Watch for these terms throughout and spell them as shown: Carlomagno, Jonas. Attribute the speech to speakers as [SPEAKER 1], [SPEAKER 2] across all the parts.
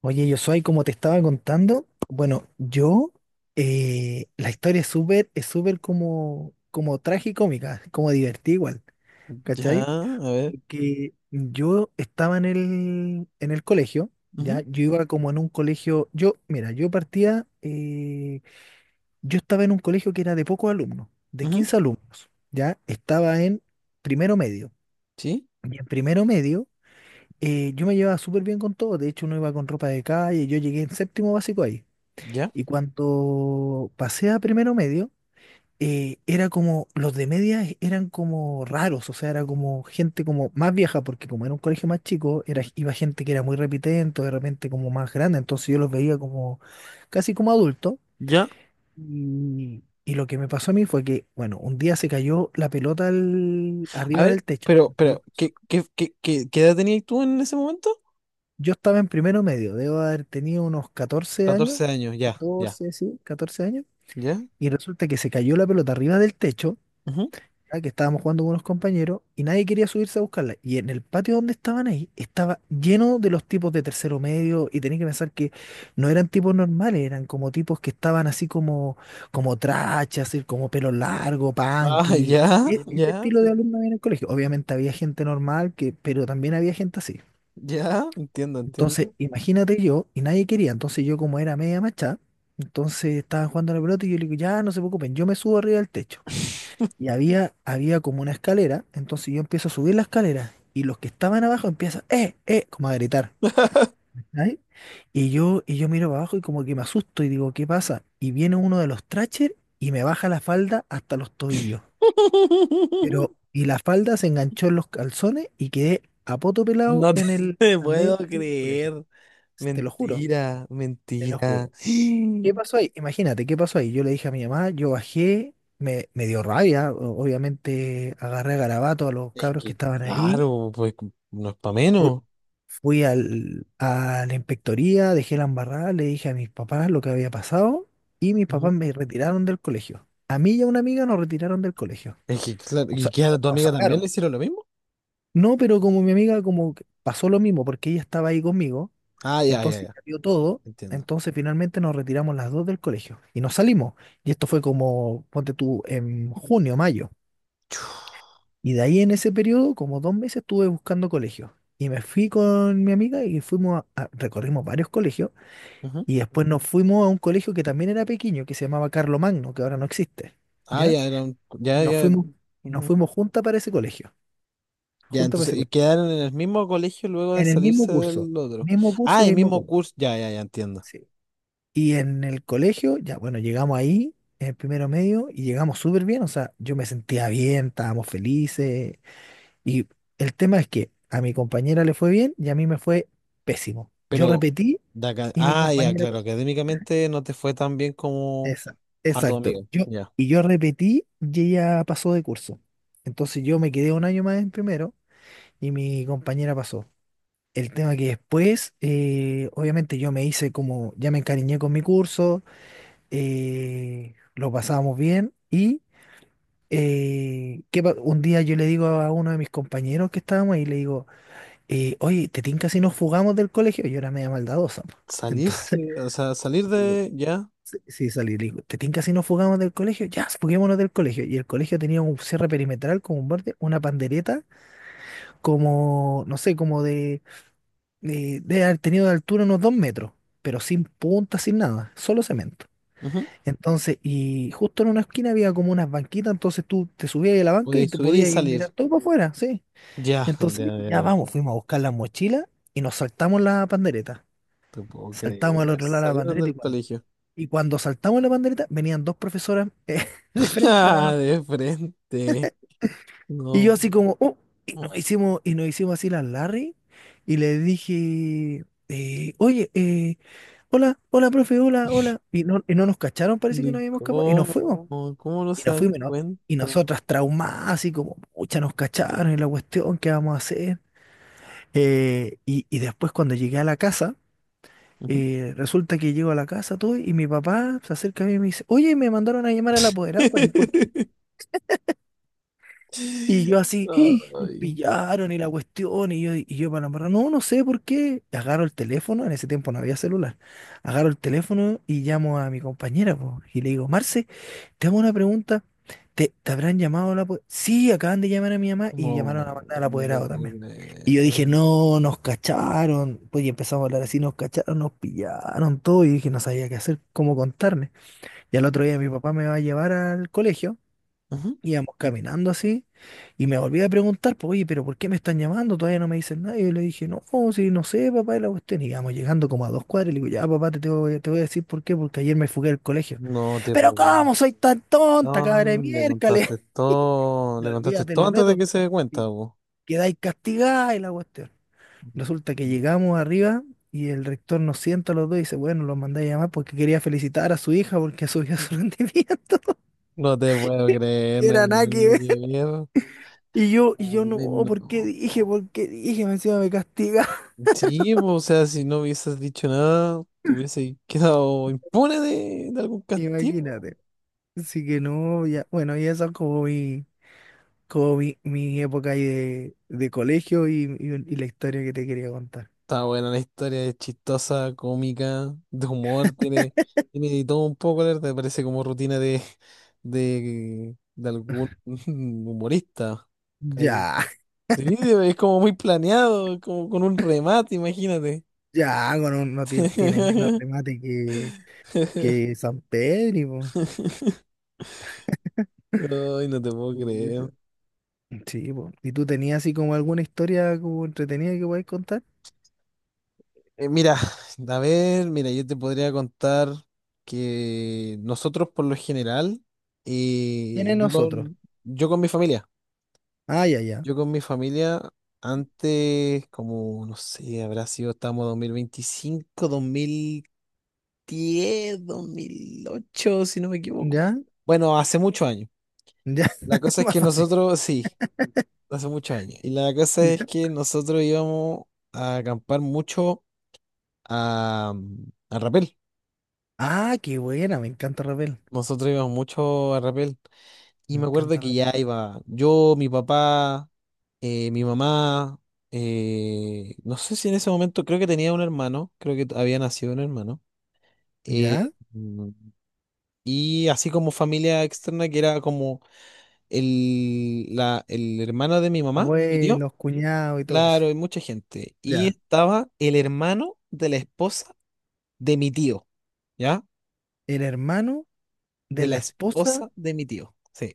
[SPEAKER 1] Oye, yo soy, como te estaba contando, bueno, yo, la historia es súper como, como tragicómica, como divertida igual, ¿cachai?
[SPEAKER 2] Ya, a ver.
[SPEAKER 1] Porque yo estaba en el colegio, ya, yo iba como en un colegio, yo, mira, yo partía, yo estaba en un colegio que era de pocos alumnos, de
[SPEAKER 2] Ujú, ujú.
[SPEAKER 1] 15 alumnos, ya, estaba en primero medio,
[SPEAKER 2] Sí,
[SPEAKER 1] y en primero medio, yo me llevaba súper bien con todo, de hecho uno iba con ropa de calle, yo llegué en séptimo básico ahí.
[SPEAKER 2] ya,
[SPEAKER 1] Y cuando pasé a primero medio, era como, los de media e, eran como raros, o sea, era como gente como más vieja, porque como era un colegio más chico, era, iba gente que era muy repitente, de repente como más grande, entonces yo los veía como casi como adultos.
[SPEAKER 2] ya.
[SPEAKER 1] Y lo que me pasó a mí fue que, bueno, un día se cayó la pelota
[SPEAKER 2] A
[SPEAKER 1] arriba
[SPEAKER 2] ver,
[SPEAKER 1] del techo.
[SPEAKER 2] pero, ¿qué edad tenías tú en ese momento?
[SPEAKER 1] Yo estaba en primero medio, debo haber tenido unos 14 años,
[SPEAKER 2] 14 años, ya, ya,
[SPEAKER 1] 14 sí, 14 años,
[SPEAKER 2] ya.
[SPEAKER 1] y resulta que se cayó la pelota arriba del techo
[SPEAKER 2] Ujú.
[SPEAKER 1] ah, que estábamos jugando con unos compañeros y nadie quería subirse a buscarla. Y en el patio donde estaban ahí estaba lleno de los tipos de tercero medio y tenés que pensar que no eran tipos normales, eran como tipos que estaban así como, como trachas, así como pelo largo,
[SPEAKER 2] Ah,
[SPEAKER 1] punky.
[SPEAKER 2] ya,
[SPEAKER 1] Ese
[SPEAKER 2] ya,
[SPEAKER 1] estilo de
[SPEAKER 2] sí.
[SPEAKER 1] alumno había en el colegio. Obviamente había gente normal, que, pero también había gente así.
[SPEAKER 2] Ya, entiendo,
[SPEAKER 1] Entonces,
[SPEAKER 2] entiendo.
[SPEAKER 1] imagínate yo, y nadie quería. Entonces yo como era media macha, entonces estaban jugando a la pelota y yo le digo, ya, no se preocupen, yo me subo arriba del techo. Y había como una escalera, entonces yo empiezo a subir la escalera y los que estaban abajo empiezan, como a gritar. ¿Cachai? Y yo miro para abajo y como que me asusto y digo, ¿qué pasa? Y viene uno de los Thrasher y me baja la falda hasta los tobillos. Pero, y la falda se enganchó en los calzones y quedé a poto pelado
[SPEAKER 2] No te
[SPEAKER 1] en el,
[SPEAKER 2] te
[SPEAKER 1] al
[SPEAKER 2] puedo
[SPEAKER 1] medio del colegio.
[SPEAKER 2] creer.
[SPEAKER 1] Te lo juro,
[SPEAKER 2] Mentira,
[SPEAKER 1] te lo
[SPEAKER 2] mentira.
[SPEAKER 1] juro. ¿Qué pasó ahí? Imagínate, ¿qué pasó ahí? Yo le dije a mi mamá, yo bajé, me dio rabia, obviamente agarré a garabato a los
[SPEAKER 2] Es
[SPEAKER 1] cabros que
[SPEAKER 2] que,
[SPEAKER 1] estaban ahí,
[SPEAKER 2] claro, pues no es para
[SPEAKER 1] fu-
[SPEAKER 2] menos.
[SPEAKER 1] fui al, a la inspectoría, dejé la embarrada, le dije a mis papás lo que había pasado y mis papás
[SPEAKER 2] Ujú.
[SPEAKER 1] me retiraron del colegio. A mí y a una amiga nos retiraron del colegio,
[SPEAKER 2] Es que, claro,
[SPEAKER 1] o
[SPEAKER 2] ¿y
[SPEAKER 1] sea,
[SPEAKER 2] qué a tu
[SPEAKER 1] nos
[SPEAKER 2] amiga también le
[SPEAKER 1] sacaron.
[SPEAKER 2] hicieron lo mismo?
[SPEAKER 1] No, pero como mi amiga como que pasó lo mismo porque ella estaba ahí conmigo.
[SPEAKER 2] Ah, ya, ya,
[SPEAKER 1] Entonces
[SPEAKER 2] ya.
[SPEAKER 1] ya vio todo.
[SPEAKER 2] Entiendo.
[SPEAKER 1] Entonces finalmente nos retiramos las dos del colegio y nos salimos. Y esto fue como, ponte tú, en junio, mayo. Y de ahí en ese periodo, como 2 meses, estuve buscando colegios. Y me fui con mi amiga y fuimos a, recorrimos varios colegios.
[SPEAKER 2] Ujú.
[SPEAKER 1] Y después nos fuimos a un colegio que también era pequeño, que se llamaba Carlomagno, que ahora no existe.
[SPEAKER 2] Ah,
[SPEAKER 1] ¿Ya?
[SPEAKER 2] ya eran,
[SPEAKER 1] Y
[SPEAKER 2] ya,
[SPEAKER 1] nos
[SPEAKER 2] ya,
[SPEAKER 1] fuimos, y nos
[SPEAKER 2] ujú.
[SPEAKER 1] fuimos juntas para ese colegio.
[SPEAKER 2] Ya,
[SPEAKER 1] Juntas para
[SPEAKER 2] entonces,
[SPEAKER 1] ese
[SPEAKER 2] y
[SPEAKER 1] colegio.
[SPEAKER 2] quedaron en el mismo colegio luego de
[SPEAKER 1] En el mismo
[SPEAKER 2] salirse
[SPEAKER 1] curso.
[SPEAKER 2] del otro.
[SPEAKER 1] Mismo curso y
[SPEAKER 2] Ah, el
[SPEAKER 1] mismo
[SPEAKER 2] mismo
[SPEAKER 1] colegio.
[SPEAKER 2] curso, ya, ya, ya entiendo.
[SPEAKER 1] Sí. Y en el colegio, ya bueno, llegamos ahí, en el primero medio, y llegamos súper bien, o sea, yo me sentía bien, estábamos felices. Y el tema es que a mi compañera le fue bien y a mí me fue pésimo. Yo
[SPEAKER 2] Pero,
[SPEAKER 1] repetí y mi
[SPEAKER 2] ah, ya,
[SPEAKER 1] compañera
[SPEAKER 2] claro,
[SPEAKER 1] pasó.
[SPEAKER 2] académicamente no te fue tan bien como
[SPEAKER 1] Esa,
[SPEAKER 2] a tu
[SPEAKER 1] exacto.
[SPEAKER 2] amigo,
[SPEAKER 1] Yo,
[SPEAKER 2] ya.
[SPEAKER 1] y yo repetí y ella pasó de curso. Entonces yo me quedé un año más en primero y mi compañera pasó. El tema que después, obviamente yo me hice como, ya me encariñé con mi curso, lo pasábamos bien y ¿qué un día yo le digo a uno de mis compañeros que estábamos ahí, le digo, oye, ¿te tinca si nos fugamos del colegio? Yo era media maldadosa. Po. Entonces,
[SPEAKER 2] Salirse, o sea, salir
[SPEAKER 1] digo,
[SPEAKER 2] de, ya,
[SPEAKER 1] sí, sí, salí, le digo, ¿te tinca si nos fugamos del colegio? Ya, fuguémonos del colegio. Y el colegio tenía un cierre perimetral como un borde, una pandereta, como, no sé, como de, de haber tenido de altura unos 2 metros, pero sin punta, sin nada, solo cemento.
[SPEAKER 2] ujú.
[SPEAKER 1] Entonces, y justo en una esquina había como unas banquitas, entonces tú te subías ahí a la
[SPEAKER 2] O
[SPEAKER 1] banca
[SPEAKER 2] de
[SPEAKER 1] y te
[SPEAKER 2] subir y
[SPEAKER 1] podías ir
[SPEAKER 2] salir,
[SPEAKER 1] mirar todo para afuera, sí.
[SPEAKER 2] ya,
[SPEAKER 1] Entonces
[SPEAKER 2] ya,
[SPEAKER 1] le dije,
[SPEAKER 2] ya,
[SPEAKER 1] ya
[SPEAKER 2] ya.
[SPEAKER 1] vamos, fuimos a buscar las mochilas y nos saltamos la pandereta.
[SPEAKER 2] Te puedo
[SPEAKER 1] Saltamos al
[SPEAKER 2] creer,
[SPEAKER 1] otro lado de la
[SPEAKER 2] salieron
[SPEAKER 1] pandereta
[SPEAKER 2] del colegio.
[SPEAKER 1] y cuando saltamos la pandereta venían dos profesoras de frente,
[SPEAKER 2] Ah,
[SPEAKER 1] hermano.
[SPEAKER 2] de frente,
[SPEAKER 1] Y yo
[SPEAKER 2] no.
[SPEAKER 1] así como, oh, y nos hicimos así las Larry y le dije, oye, hola, hola, profe, hola, hola. Y no nos cacharon, parece que no
[SPEAKER 2] ¿De
[SPEAKER 1] habíamos escapado y nos
[SPEAKER 2] ¿Cómo?
[SPEAKER 1] fuimos.
[SPEAKER 2] ¿Cómo no
[SPEAKER 1] Y
[SPEAKER 2] se
[SPEAKER 1] nos
[SPEAKER 2] dan
[SPEAKER 1] fuimos y, no- y
[SPEAKER 2] cuenta?
[SPEAKER 1] nosotras traumadas, y como, pucha, nos cacharon y la cuestión, ¿qué vamos a hacer? Y después cuando llegué a la casa,
[SPEAKER 2] Ujú.
[SPEAKER 1] resulta que llego a la casa todo y mi papá se acerca a mí y me dice, oye, me mandaron a llamar al apoderado, pues, ¿y por qué? Y yo así, ¡eh! Nos
[SPEAKER 2] Ay,
[SPEAKER 1] pillaron y la cuestión, y yo para la embarrar, no, no sé por qué. Y agarro el teléfono, en ese tiempo no había celular. Agarro el teléfono y llamo a mi compañera, po, y le digo, Marce, te hago una pregunta. ¿Te, te habrán llamado a la po-?" Sí, acaban de llamar a mi mamá y
[SPEAKER 2] no,
[SPEAKER 1] llamaron a mandar al
[SPEAKER 2] no te
[SPEAKER 1] apoderado
[SPEAKER 2] puedo
[SPEAKER 1] también. Y yo
[SPEAKER 2] creer.
[SPEAKER 1] dije, no, nos cacharon. Pues y empezamos a hablar así, nos cacharon, nos pillaron todo. Y dije, no sabía qué hacer, cómo contarme. Y al
[SPEAKER 2] Ujú,
[SPEAKER 1] otro día mi papá me va a llevar al colegio.
[SPEAKER 2] ujú.
[SPEAKER 1] Íbamos caminando así y me volví a preguntar, pues, oye, pero ¿por qué me están llamando? Todavía no me dicen nada. Y yo le dije, no, pues, si no sé, papá, y la cuestión. Y íbamos llegando como a dos cuadras y le digo, ya, papá, te voy a decir por qué, porque ayer me fugué del colegio.
[SPEAKER 2] No te
[SPEAKER 1] Pero
[SPEAKER 2] puedo creer.
[SPEAKER 1] ¿cómo soy tan tonta, cabra de
[SPEAKER 2] No,
[SPEAKER 1] miércoles? Y
[SPEAKER 2] le contaste
[SPEAKER 1] olvídate
[SPEAKER 2] todo
[SPEAKER 1] los
[SPEAKER 2] antes de
[SPEAKER 1] retos.
[SPEAKER 2] que se dé cuenta,
[SPEAKER 1] Y
[SPEAKER 2] po.
[SPEAKER 1] quedáis castigados y la cuestión. Resulta que llegamos arriba y el rector nos sienta a los dos y dice, bueno, los mandé a llamar porque quería felicitar a su hija porque subió su rendimiento.
[SPEAKER 2] No te puedo creer,
[SPEAKER 1] Y
[SPEAKER 2] no era
[SPEAKER 1] era nada que
[SPEAKER 2] ni
[SPEAKER 1] ver.
[SPEAKER 2] que ver.
[SPEAKER 1] Y yo no,
[SPEAKER 2] Ay,
[SPEAKER 1] ¿por qué
[SPEAKER 2] no.
[SPEAKER 1] dije? ¿Por qué dije? Me encima me castiga.
[SPEAKER 2] Sí, po, o sea, si no hubieses dicho nada, te hubiese quedado impune de algún castigo.
[SPEAKER 1] Imagínate. Así que no, ya, bueno, y eso es como mi época ahí de colegio y, y la historia que te quería contar.
[SPEAKER 2] Está buena la historia, es chistosa, cómica, de humor, tiene, de todo un poco, la ¿verdad? Parece como rutina de, de algún humorista, casi.
[SPEAKER 1] Ya,
[SPEAKER 2] Sí, es como muy planeado, como con un remate, imagínate.
[SPEAKER 1] ya, no tiene, tiene menos remate que San Pedro, po.
[SPEAKER 2] Ay, no te puedo creer.
[SPEAKER 1] Pucha. Sí, po. ¿Y tú tenías así como alguna historia como entretenida que podáis contar?
[SPEAKER 2] Mira, a ver, mira, yo te podría contar que nosotros por lo general, eh,
[SPEAKER 1] Tiene
[SPEAKER 2] yo
[SPEAKER 1] nosotros.
[SPEAKER 2] con, yo con mi familia.
[SPEAKER 1] Ah, ya, ya.
[SPEAKER 2] Yo con mi familia, antes, como, no sé, habrá sido, estamos 2025, 2025 2008 si no me equivoco.
[SPEAKER 1] Ya,
[SPEAKER 2] Bueno, hace muchos años.
[SPEAKER 1] ya,
[SPEAKER 2] La cosa es
[SPEAKER 1] más
[SPEAKER 2] que
[SPEAKER 1] fácil.
[SPEAKER 2] nosotros, sí, hace muchos años. Y la cosa es
[SPEAKER 1] Ya.
[SPEAKER 2] que nosotros íbamos a acampar mucho a Rapel.
[SPEAKER 1] Ah, qué buena, me encanta Rapel.
[SPEAKER 2] Nosotros íbamos mucho a Rapel. Y
[SPEAKER 1] Me
[SPEAKER 2] me acuerdo
[SPEAKER 1] encanta
[SPEAKER 2] que
[SPEAKER 1] la
[SPEAKER 2] ya
[SPEAKER 1] pega.
[SPEAKER 2] iba yo, mi papá, mi mamá, no sé si en ese momento creo que tenía un hermano, creo que había nacido un hermano.
[SPEAKER 1] ¿Ya?
[SPEAKER 2] eh, mm, y así como familia externa que era como el hermano de mi mamá, mi tío.
[SPEAKER 1] Abuelos, cuñados y todo eso.
[SPEAKER 2] Claro, hay mucha gente. Y
[SPEAKER 1] Ya.
[SPEAKER 2] estaba el hermano de la esposa de mi tío, ¿ya?
[SPEAKER 1] El hermano de
[SPEAKER 2] De la
[SPEAKER 1] la esposa.
[SPEAKER 2] esposa de mi tío. Sí.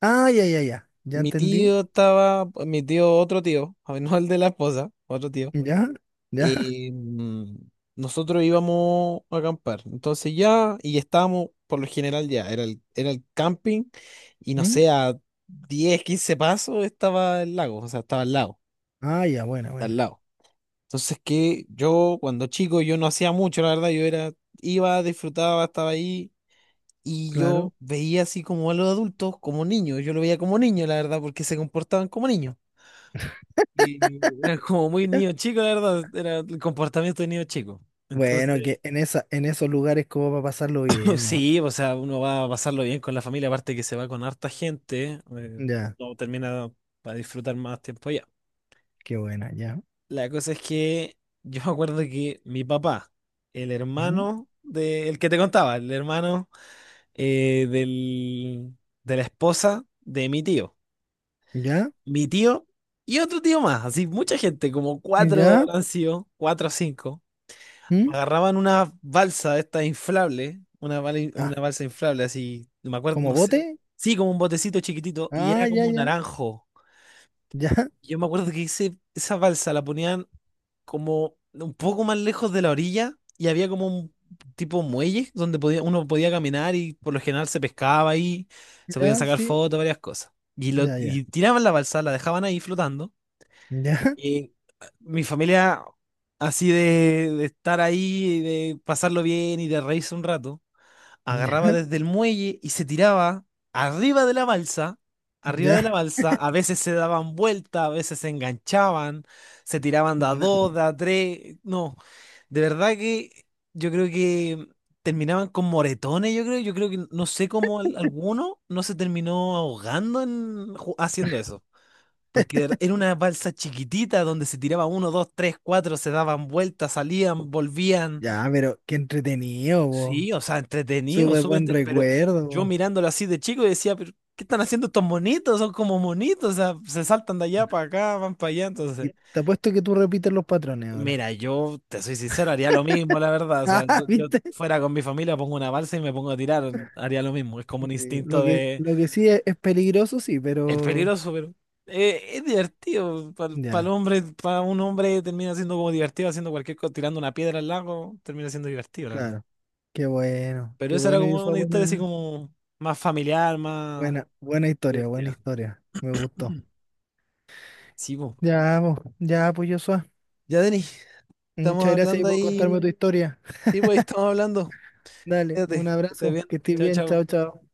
[SPEAKER 1] Ah, ya, ya, ya. Ya
[SPEAKER 2] Mi
[SPEAKER 1] entendí.
[SPEAKER 2] tío estaba, mi tío, otro tío, no el de la esposa, otro tío.
[SPEAKER 1] ¿Ya? ¿Ya?
[SPEAKER 2] eh, mm, nosotros íbamos a acampar. Entonces ya, y estábamos, por lo general ya, era el camping, y no
[SPEAKER 1] ¿Mm?
[SPEAKER 2] sé, a 10 15 pasos estaba el lago, o sea, estaba al lado,
[SPEAKER 1] Ah, ya, buena,
[SPEAKER 2] al
[SPEAKER 1] buena.
[SPEAKER 2] lado. Entonces que yo, cuando chico, yo no hacía mucho, la verdad, yo era, iba, disfrutaba, estaba ahí. Y
[SPEAKER 1] Claro.
[SPEAKER 2] yo veía así como a los adultos, como niños, yo lo veía como niño, la verdad, porque se comportaban como niños. Y era como muy
[SPEAKER 1] Ya.
[SPEAKER 2] niño chico, la verdad, era el comportamiento de niño chico. Entonces,
[SPEAKER 1] Bueno, que en esa, en esos lugares como para pasarlo bien, ¿no?
[SPEAKER 2] sí, o sea, uno va a pasarlo bien con la familia, aparte que se va con harta gente,
[SPEAKER 1] Ya,
[SPEAKER 2] uno termina para disfrutar más tiempo allá.
[SPEAKER 1] qué buena, ya.
[SPEAKER 2] La cosa es que yo me acuerdo que mi papá, el
[SPEAKER 1] ¿Mm?
[SPEAKER 2] hermano de, el que te contaba, el hermano del, de la esposa de
[SPEAKER 1] ¿Ya?
[SPEAKER 2] mi tío y otro tío más, así mucha gente, como cuatro
[SPEAKER 1] ¿Ya?
[SPEAKER 2] han sido, cuatro o cinco.
[SPEAKER 1] ¿Mm?
[SPEAKER 2] Agarraban una balsa de estas inflables,
[SPEAKER 1] Ah,
[SPEAKER 2] una balsa inflable así, no me acuerdo,
[SPEAKER 1] ¿como
[SPEAKER 2] no sé.
[SPEAKER 1] bote?
[SPEAKER 2] Sí, como un botecito chiquitito y
[SPEAKER 1] Ah,
[SPEAKER 2] era
[SPEAKER 1] ya,
[SPEAKER 2] como
[SPEAKER 1] ya.
[SPEAKER 2] naranjo.
[SPEAKER 1] Ya,
[SPEAKER 2] Y yo me acuerdo que esa balsa la ponían como un poco más lejos de la orilla y había como un tipo muelle donde uno podía caminar y por lo general se pescaba ahí, se podían
[SPEAKER 1] ya,
[SPEAKER 2] sacar
[SPEAKER 1] sí.
[SPEAKER 2] fotos, varias cosas. Y, lo,
[SPEAKER 1] Ya, ya.
[SPEAKER 2] y tiraban la balsa, la dejaban ahí flotando. Y mi familia, así de, estar ahí, de pasarlo bien y de reírse un rato,
[SPEAKER 1] Ya,
[SPEAKER 2] agarraba
[SPEAKER 1] ya,
[SPEAKER 2] desde el muelle y se tiraba arriba de la balsa, arriba de la
[SPEAKER 1] ya.
[SPEAKER 2] balsa, a veces se daban vuelta, a veces se enganchaban, se tiraban de a
[SPEAKER 1] No.
[SPEAKER 2] dos, de a tres, no, de verdad que yo creo que terminaban con moretones, yo creo que no sé cómo alguno no se terminó ahogando haciendo eso. Porque era una balsa chiquitita donde se tiraba uno, dos, tres, cuatro, se daban vueltas, salían, volvían.
[SPEAKER 1] Ya, pero qué entretenido, vos.
[SPEAKER 2] Sí, o sea, entretenido,
[SPEAKER 1] Súper
[SPEAKER 2] súper
[SPEAKER 1] buen
[SPEAKER 2] pero yo
[SPEAKER 1] recuerdo.
[SPEAKER 2] mirándolo así de chico decía, pero ¿qué están haciendo estos monitos? Son como monitos, o sea, se saltan de allá para acá, van para allá. Entonces,
[SPEAKER 1] Y te apuesto que tú repites los patrones ahora.
[SPEAKER 2] mira, yo te soy sincero, haría lo mismo, la verdad. O sea,
[SPEAKER 1] Ah,
[SPEAKER 2] yo
[SPEAKER 1] ¿viste?
[SPEAKER 2] fuera con mi familia, pongo una balsa y me pongo a tirar, haría lo mismo. Es como un
[SPEAKER 1] Sí,
[SPEAKER 2] instinto
[SPEAKER 1] lo que,
[SPEAKER 2] de.
[SPEAKER 1] lo que sí es peligroso, sí,
[SPEAKER 2] Es
[SPEAKER 1] pero
[SPEAKER 2] peligroso, pero es divertido. Para el
[SPEAKER 1] ya,
[SPEAKER 2] hombre, para un hombre termina siendo como divertido haciendo cualquier cosa, tirando una piedra al lago, termina siendo divertido, la verdad.
[SPEAKER 1] claro.
[SPEAKER 2] Pero
[SPEAKER 1] Qué
[SPEAKER 2] esa era
[SPEAKER 1] bueno y
[SPEAKER 2] como
[SPEAKER 1] eso
[SPEAKER 2] una historia así
[SPEAKER 1] buena,
[SPEAKER 2] como más familiar, más
[SPEAKER 1] buena, buena historia, buena
[SPEAKER 2] divertida.
[SPEAKER 1] historia. Me gustó.
[SPEAKER 2] Sí, po.
[SPEAKER 1] Ya, po, ya, pues Joshua.
[SPEAKER 2] Ya, Denis, estamos
[SPEAKER 1] Muchas gracias ahí
[SPEAKER 2] hablando
[SPEAKER 1] por
[SPEAKER 2] ahí.
[SPEAKER 1] contarme tu historia.
[SPEAKER 2] Sí, pues ahí estamos hablando.
[SPEAKER 1] Dale,
[SPEAKER 2] Quédate,
[SPEAKER 1] un
[SPEAKER 2] que estés
[SPEAKER 1] abrazo,
[SPEAKER 2] bien.
[SPEAKER 1] que estés
[SPEAKER 2] Chao,
[SPEAKER 1] bien,
[SPEAKER 2] chao.
[SPEAKER 1] chao, chao.